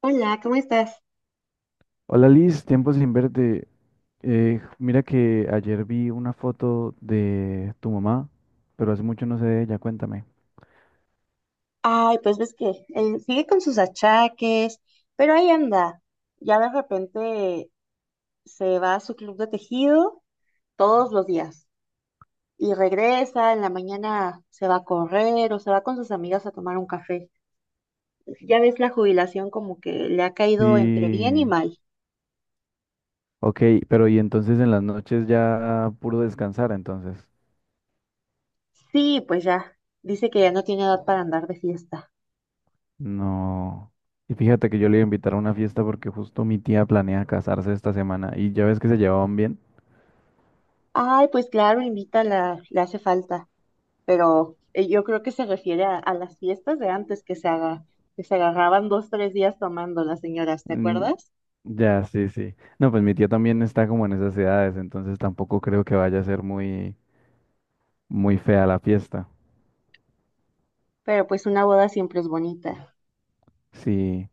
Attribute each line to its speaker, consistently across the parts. Speaker 1: Hola, ¿cómo estás?
Speaker 2: Hola Liz, tiempo sin verte. Mira que ayer vi una foto de tu mamá, pero hace mucho no sé de ella, cuéntame.
Speaker 1: Ay, pues ves que él sigue con sus achaques, pero ahí anda. Ya de repente se va a su club de tejido todos los días y regresa, en la mañana se va a correr o se va con sus amigas a tomar un café. Ya ves la jubilación como que le ha caído entre bien y
Speaker 2: Sí,
Speaker 1: mal.
Speaker 2: ok, pero y entonces en las noches ya puro descansar, entonces.
Speaker 1: Sí, pues ya, dice que ya no tiene edad para andar de fiesta.
Speaker 2: No. Y fíjate que yo le iba a invitar a una fiesta porque justo mi tía planea casarse esta semana y ya ves que se llevaban bien.
Speaker 1: Ay, pues claro, invítala, le hace falta. Pero yo creo que se refiere a, las fiestas de antes que se haga, que se agarraban 2, 3 días tomando las señoras, ¿te
Speaker 2: Mm,
Speaker 1: acuerdas?
Speaker 2: ya, sí, sí. No, pues mi tía también está como en esas edades, entonces tampoco creo que vaya a ser muy, muy fea la fiesta.
Speaker 1: Pero pues una boda siempre es bonita.
Speaker 2: Sí.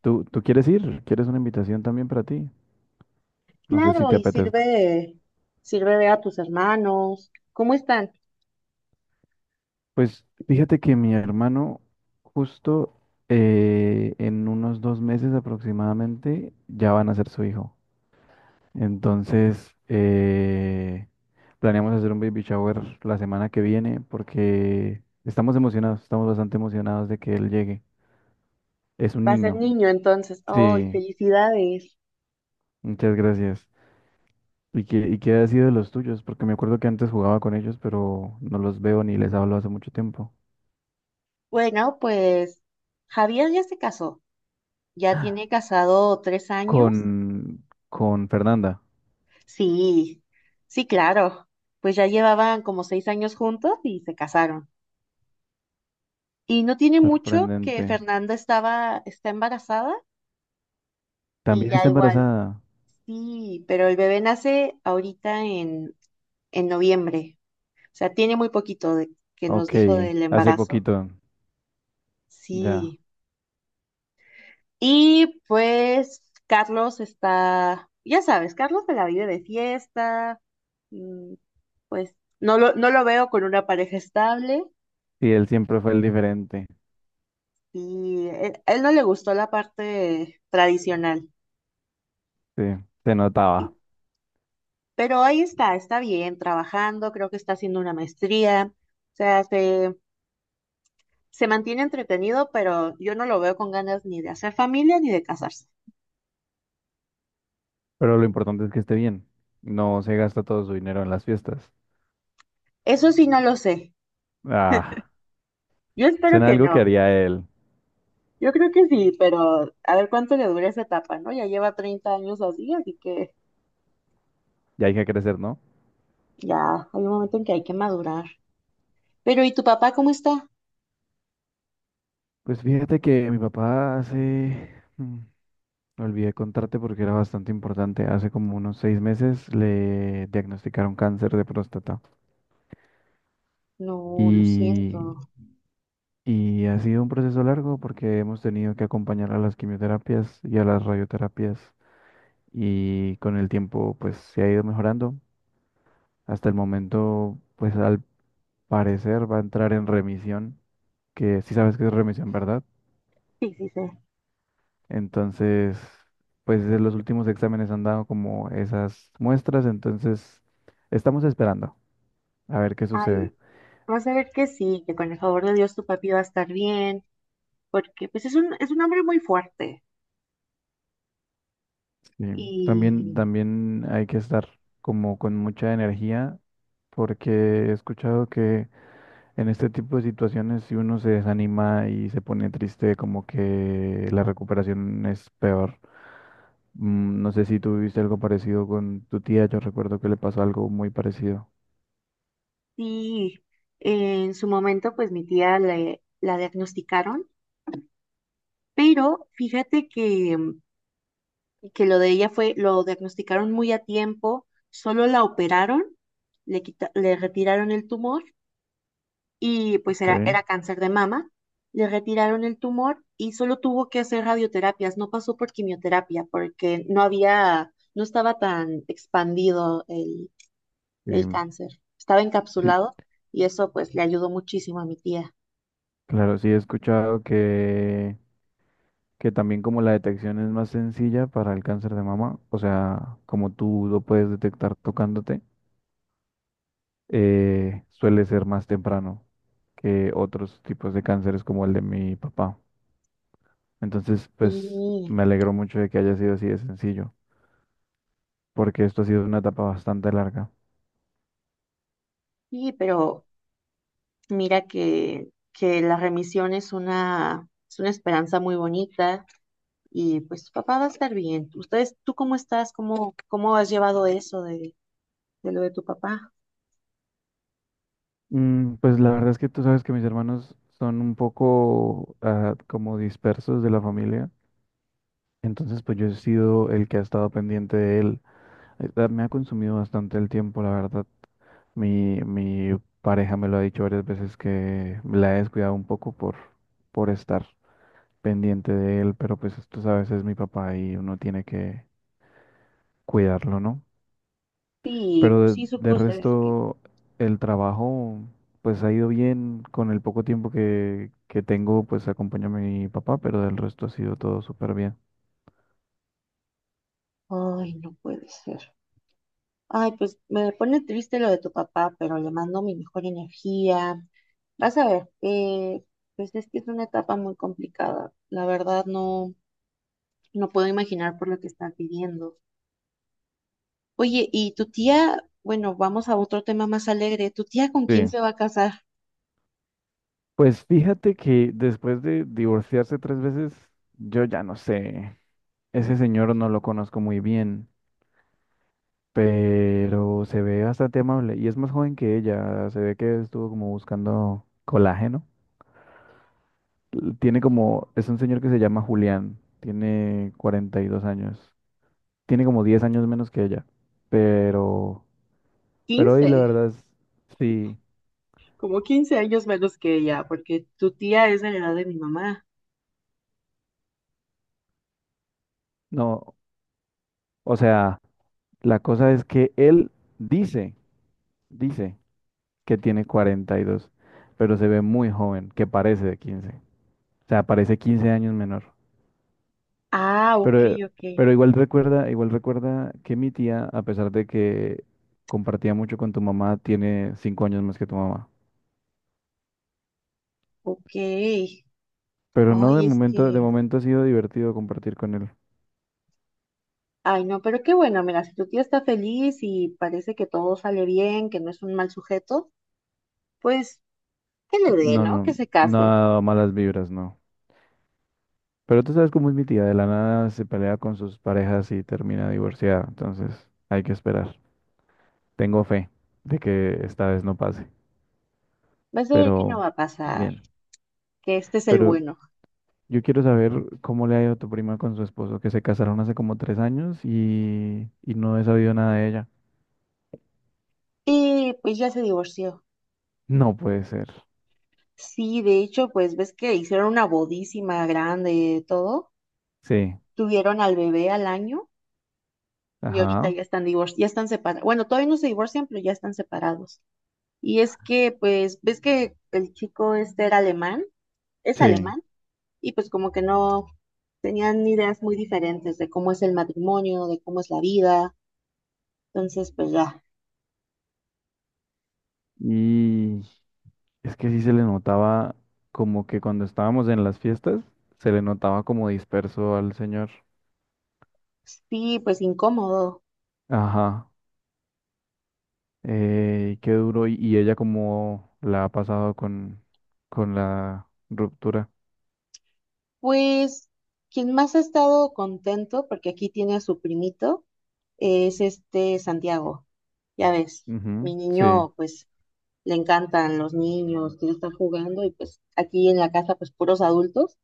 Speaker 2: ¿Tú quieres ir? ¿Quieres una invitación también para ti? No sé si
Speaker 1: Claro,
Speaker 2: te
Speaker 1: y
Speaker 2: apetezca.
Speaker 1: sirve ver a tus hermanos. ¿Cómo están?
Speaker 2: Pues fíjate que mi hermano justo en unos 2 meses aproximadamente ya van a ser su hijo. Entonces planeamos hacer un baby shower la semana que viene porque estamos emocionados, estamos bastante emocionados de que él llegue. Es un
Speaker 1: Va a ser
Speaker 2: niño.
Speaker 1: niño entonces. ¡Ay,
Speaker 2: Sí,
Speaker 1: felicidades!
Speaker 2: muchas gracias. ¿Y qué ha sido de los tuyos? Porque me acuerdo que antes jugaba con ellos, pero no los veo ni les hablo hace mucho tiempo.
Speaker 1: Bueno, pues Javier ya se casó. Ya tiene casado 3 años.
Speaker 2: Con Fernanda,
Speaker 1: Sí, sí, claro. Pues ya llevaban como 6 años juntos y se casaron. Y no tiene mucho que
Speaker 2: sorprendente.
Speaker 1: Fernanda está embarazada y
Speaker 2: También
Speaker 1: ya
Speaker 2: está
Speaker 1: igual,
Speaker 2: embarazada.
Speaker 1: sí, pero el bebé nace ahorita en noviembre. O sea, tiene muy poquito que nos
Speaker 2: Ok,
Speaker 1: dijo del
Speaker 2: hace
Speaker 1: embarazo.
Speaker 2: poquito, ya.
Speaker 1: Sí. Y pues Carlos está, ya sabes, Carlos se la vive de fiesta. mm, Pues no lo veo con una pareja estable
Speaker 2: Sí, él siempre fue el diferente.
Speaker 1: y él no le gustó la parte tradicional.
Speaker 2: Sí, se notaba.
Speaker 1: Pero ahí está, está bien, trabajando, creo que está haciendo una maestría, o sea, se mantiene entretenido, pero yo no lo veo con ganas ni de hacer familia ni de casarse.
Speaker 2: Pero lo importante es que esté bien. No se gasta todo su dinero en las fiestas.
Speaker 1: Eso sí, no lo sé.
Speaker 2: Ah,
Speaker 1: Yo espero
Speaker 2: suena
Speaker 1: que
Speaker 2: algo que
Speaker 1: no.
Speaker 2: haría él.
Speaker 1: Yo creo que sí, pero a ver cuánto le dura esa etapa, ¿no? Ya lleva 30 años así, así que
Speaker 2: Ya hay que crecer, ¿no?
Speaker 1: ya hay un momento en que hay que madurar. Pero ¿y tu papá cómo está?
Speaker 2: Pues fíjate que mi papá olvidé contarte porque era bastante importante. Hace como unos 6 meses le diagnosticaron cáncer de próstata
Speaker 1: No, lo
Speaker 2: y,
Speaker 1: siento.
Speaker 2: y ha sido un proceso largo porque hemos tenido que acompañar a las quimioterapias y a las radioterapias y con el tiempo pues se ha ido mejorando. Hasta el momento pues al parecer va a entrar en remisión, que sí sabes que es remisión, ¿verdad?
Speaker 1: Sí, sí, sí.
Speaker 2: Entonces pues en los últimos exámenes han dado como esas muestras, entonces estamos esperando. A ver qué sucede.
Speaker 1: Ay, vas a ver que sí, que con el favor de Dios tu papi va a estar bien porque pues es un hombre muy fuerte
Speaker 2: Sí. También,
Speaker 1: y
Speaker 2: también hay que estar como con mucha energía porque he escuchado que en este tipo de situaciones si uno se desanima y se pone triste, como que la recuperación es peor. No sé si tú viviste algo parecido con tu tía, yo recuerdo que le pasó algo muy parecido.
Speaker 1: sí, en su momento pues mi tía la diagnosticaron, pero fíjate que lo de ella lo diagnosticaron muy a tiempo, solo la operaron, le retiraron el tumor y pues era,
Speaker 2: Ok.
Speaker 1: era cáncer de mama, le retiraron el tumor y solo tuvo que hacer radioterapias, no pasó por quimioterapia porque no estaba tan expandido el
Speaker 2: Sí,
Speaker 1: el cáncer. Estaba
Speaker 2: sí,
Speaker 1: encapsulado y eso pues le ayudó muchísimo a mi tía.
Speaker 2: claro, sí he escuchado que también como la detección es más sencilla para el cáncer de mama, o sea, como tú lo puedes detectar tocándote, suele ser más temprano que otros tipos de cánceres como el de mi papá. Entonces, pues
Speaker 1: Sí,
Speaker 2: me alegro mucho de que haya sido así de sencillo, porque esto ha sido una etapa bastante larga.
Speaker 1: sí, pero mira que la remisión es una, esperanza muy bonita y pues tu papá va a estar bien. Tú cómo estás? ¿Cómo has llevado eso de lo de tu papá?
Speaker 2: Pues la verdad es que tú sabes que mis hermanos son un poco como dispersos de la familia, entonces pues yo he sido el que ha estado pendiente de él. Me ha consumido bastante el tiempo, la verdad. Mi pareja me lo ha dicho varias veces que la he descuidado un poco por estar pendiente de él, pero pues tú sabes, es mi papá y uno tiene que cuidarlo, ¿no?
Speaker 1: Sí,
Speaker 2: Pero de,
Speaker 1: sí,
Speaker 2: de
Speaker 1: supuse es que.
Speaker 2: resto, el trabajo pues ha ido bien con el poco tiempo que tengo, pues acompaño a mi papá, pero del resto ha sido todo súper bien.
Speaker 1: Ay, no puede ser. Ay, pues me pone triste lo de tu papá, pero le mando mi mejor energía. Vas a ver, pues es que es una etapa muy complicada. La verdad no puedo imaginar por lo que están pidiendo. Oye, y tu tía, bueno, vamos a otro tema más alegre. ¿Tu tía con quién
Speaker 2: Sí.
Speaker 1: se va a casar?
Speaker 2: Pues fíjate que después de divorciarse 3 veces, yo ya no sé. Ese señor no lo conozco muy bien, pero se ve bastante amable y es más joven que ella. Se ve que estuvo como buscando colágeno. Tiene como, es un señor que se llama Julián, tiene 42 años. Tiene como 10 años menos que ella, pero, pero hoy la
Speaker 1: 15.
Speaker 2: verdad es, sí,
Speaker 1: Como 15 años menos que ella, porque tu tía es de la edad de mi mamá.
Speaker 2: no, o sea, la cosa es que él dice, dice que tiene 42, pero se ve muy joven, que parece de 15. O sea, parece 15 años menor.
Speaker 1: Ah, ok,
Speaker 2: Pero,
Speaker 1: ok,
Speaker 2: pero igual recuerda que mi tía, a pesar de que compartía mucho con tu mamá, tiene 5 años más que tu mamá.
Speaker 1: ok.
Speaker 2: Pero no, de
Speaker 1: Ay, es
Speaker 2: momento, de
Speaker 1: que,
Speaker 2: momento ha sido divertido compartir con él.
Speaker 1: ay, no, pero qué bueno, mira, si tu tía está feliz y parece que todo sale bien, que no es un mal sujeto, pues que le dé,
Speaker 2: No,
Speaker 1: ¿no?
Speaker 2: no,
Speaker 1: Que se case.
Speaker 2: nada malas vibras, no. Pero tú sabes cómo es mi tía, de la nada se pelea con sus parejas y termina divorciada. Entonces, hay que esperar. Tengo fe de que esta vez no pase.
Speaker 1: Vas a ver que no
Speaker 2: Pero,
Speaker 1: va a pasar,
Speaker 2: bien.
Speaker 1: que este es el
Speaker 2: Pero
Speaker 1: bueno.
Speaker 2: yo quiero saber cómo le ha ido a tu prima con su esposo, que se casaron hace como 3 años y no he sabido nada de ella.
Speaker 1: Y pues ya se divorció.
Speaker 2: No puede ser.
Speaker 1: Sí, de hecho, pues ves que hicieron una bodísima grande y todo.
Speaker 2: Sí,
Speaker 1: Tuvieron al bebé al año y ahorita
Speaker 2: ajá,
Speaker 1: ya están ya están separados. Bueno, todavía no se divorcian, pero ya están separados. Y es que, pues, ves que el chico este es
Speaker 2: sí.
Speaker 1: alemán, y pues como que no tenían ideas muy diferentes de cómo es el matrimonio, de cómo es la vida. Entonces, pues ya,
Speaker 2: Y es que sí se le notaba como que cuando estábamos en las fiestas, se le notaba como disperso al señor.
Speaker 1: sí, pues incómodo.
Speaker 2: Ajá, qué duro. Y ella cómo la ha pasado con la ruptura.
Speaker 1: Pues quien más ha estado contento, porque aquí tiene a su primito, es este Santiago. Ya ves, mi
Speaker 2: Ujú, sí,
Speaker 1: niño, pues le encantan los niños, que están jugando y pues aquí en la casa, pues puros adultos.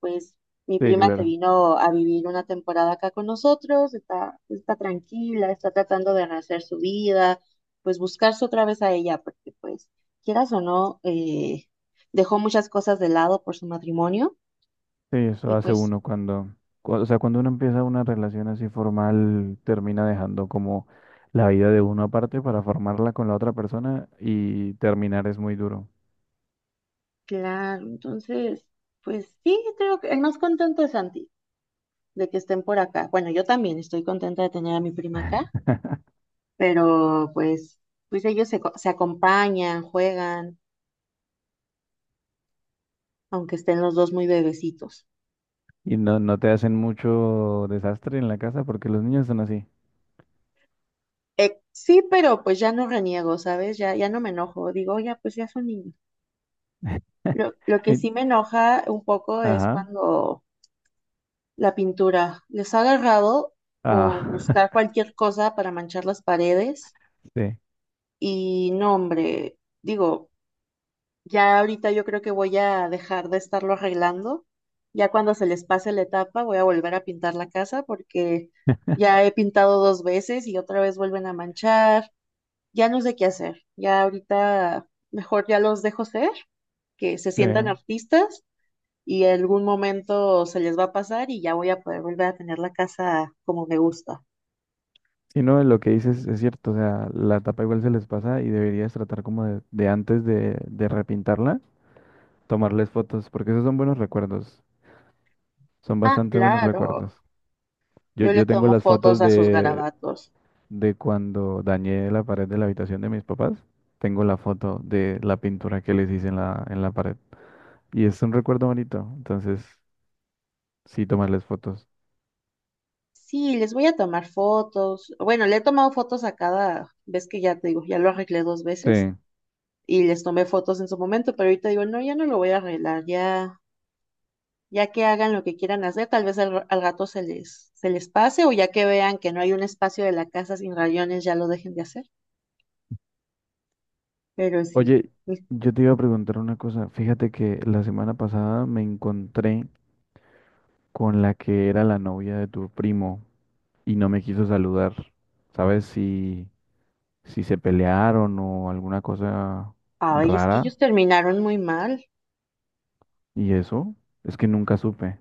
Speaker 1: Pues mi
Speaker 2: sí,
Speaker 1: prima se
Speaker 2: claro.
Speaker 1: vino a vivir una temporada acá con nosotros, está tranquila, está tratando de rehacer su vida, pues buscarse otra vez a ella, porque pues quieras o no, dejó muchas cosas de lado por su matrimonio
Speaker 2: Sí, eso
Speaker 1: y
Speaker 2: hace
Speaker 1: pues
Speaker 2: uno cuando, o sea, cuando uno empieza una relación así formal, termina dejando como la vida de uno aparte para formarla con la otra persona y terminar es muy duro.
Speaker 1: claro. Entonces, pues sí, creo que el más contento es Santi de que estén por acá. Bueno, yo también estoy contenta de tener a mi prima acá, pero pues, ellos se acompañan, juegan, aunque estén los dos muy bebecitos.
Speaker 2: Y no, no te hacen mucho desastre en la casa porque los niños son así.
Speaker 1: Sí, pero pues ya no reniego, ¿sabes? Ya, no me enojo. Digo, ya, pues ya son niños. Lo que
Speaker 2: Y-
Speaker 1: sí me enoja un poco es
Speaker 2: Ajá,
Speaker 1: cuando la pintura les ha agarrado por
Speaker 2: ah,
Speaker 1: buscar cualquier cosa para manchar las paredes.
Speaker 2: sí,
Speaker 1: Y no, hombre, digo, ya ahorita yo creo que voy a dejar de estarlo arreglando. Ya cuando se les pase la etapa, voy a volver a pintar la casa porque ya he pintado dos veces y otra vez vuelven a manchar. Ya no sé qué hacer. Ya ahorita mejor ya los dejo ser, que se
Speaker 2: sí.
Speaker 1: sientan artistas y en algún momento se les va a pasar y ya voy a poder volver a tener la casa como me gusta.
Speaker 2: Si no, lo que dices es cierto, o sea, la tapa igual se les pasa y deberías tratar como de antes de repintarla, tomarles fotos, porque esos son buenos recuerdos. Son
Speaker 1: Ah,
Speaker 2: bastante buenos
Speaker 1: claro.
Speaker 2: recuerdos. Yo,
Speaker 1: Yo le
Speaker 2: yo tengo
Speaker 1: tomo
Speaker 2: las
Speaker 1: fotos
Speaker 2: fotos
Speaker 1: a sus
Speaker 2: de,
Speaker 1: garabatos.
Speaker 2: de cuando dañé la pared de la habitación de mis papás. Tengo la foto de la pintura que les hice en la pared. Y es un recuerdo bonito. Entonces, sí, tomarles fotos.
Speaker 1: Sí, les voy a tomar fotos. Bueno, le he tomado fotos a cada vez que ya te digo, ya lo arreglé dos
Speaker 2: Sí.
Speaker 1: veces y les tomé fotos en su momento, pero ahorita digo, no, ya no lo voy a arreglar, ya que hagan lo que quieran hacer, tal vez al rato se les pase o ya que vean que no hay un espacio de la casa sin rayones, ya lo dejen de hacer. Pero sí,
Speaker 2: Oye,
Speaker 1: mis-
Speaker 2: yo te iba a preguntar una cosa. Fíjate que la semana pasada me encontré con la que era la novia de tu primo y no me quiso saludar. ¿Sabes si se pelearon o alguna cosa
Speaker 1: ay, es que
Speaker 2: rara?
Speaker 1: ellos terminaron muy mal.
Speaker 2: ¿Y eso? Es que nunca supe.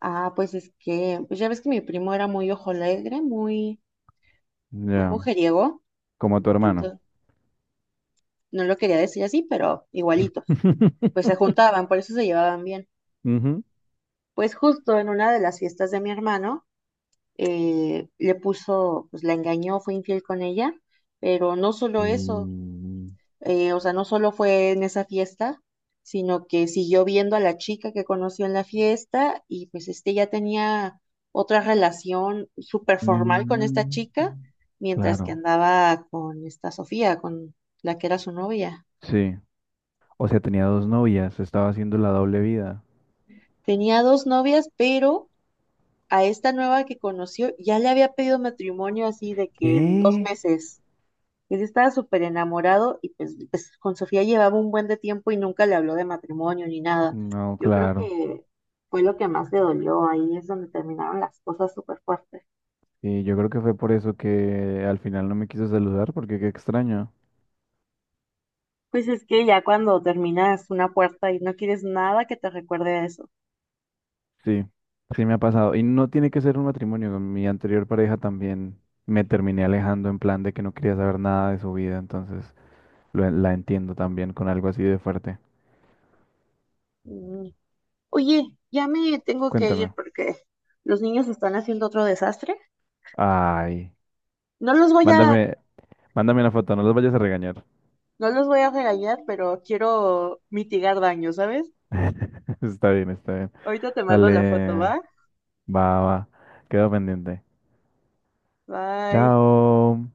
Speaker 1: Ah, pues es que, pues ya ves que mi primo era muy ojo alegre, muy, muy
Speaker 2: Ya,
Speaker 1: mujeriego,
Speaker 2: como a tu hermano.
Speaker 1: entonces no lo quería decir así, pero igualito. Pues se juntaban, por eso se llevaban bien.
Speaker 2: Ujú.
Speaker 1: Pues justo en una de las fiestas de mi hermano, le puso, pues la engañó, fue infiel con ella, pero no
Speaker 2: Y,
Speaker 1: solo eso, o sea, no solo fue en esa fiesta, sino que siguió viendo a la chica que conoció en la fiesta y pues este ya tenía otra relación súper formal con esta
Speaker 2: y-
Speaker 1: chica, mientras que
Speaker 2: Claro,
Speaker 1: andaba con esta Sofía, con la que era su novia.
Speaker 2: sí. O sea, tenía dos novias, estaba haciendo la doble vida.
Speaker 1: Tenía dos novias, pero a esta nueva que conoció, ya le había pedido matrimonio así de que en dos
Speaker 2: ¿Qué?
Speaker 1: meses. Él estaba súper enamorado y pues, con Sofía llevaba un buen de tiempo y nunca le habló de matrimonio ni nada.
Speaker 2: No,
Speaker 1: Yo creo
Speaker 2: claro.
Speaker 1: que fue lo que más le dolió, ahí es donde terminaron las cosas súper fuertes.
Speaker 2: Y yo creo que fue por eso que al final no me quiso saludar, porque qué extraño.
Speaker 1: Pues es que ya cuando terminas una puerta y no quieres nada que te recuerde a eso.
Speaker 2: Sí, sí me ha pasado. Y no tiene que ser un matrimonio. Con mi anterior pareja también me terminé alejando en plan de que no quería saber nada de su vida, entonces. La entiendo también con algo así de fuerte.
Speaker 1: Mm. Oye, ya me tengo que ir
Speaker 2: Cuéntame.
Speaker 1: porque los niños están haciendo otro desastre.
Speaker 2: Ay,
Speaker 1: No los voy a
Speaker 2: mándame, mándame una foto, no los vayas a regañar.
Speaker 1: No los voy a regañar, pero quiero mitigar daño, ¿sabes?
Speaker 2: Está bien, está bien.
Speaker 1: Ahorita te mando la foto,
Speaker 2: Dale,
Speaker 1: ¿va?
Speaker 2: va, va. Quedo pendiente.
Speaker 1: Bye.
Speaker 2: Chao.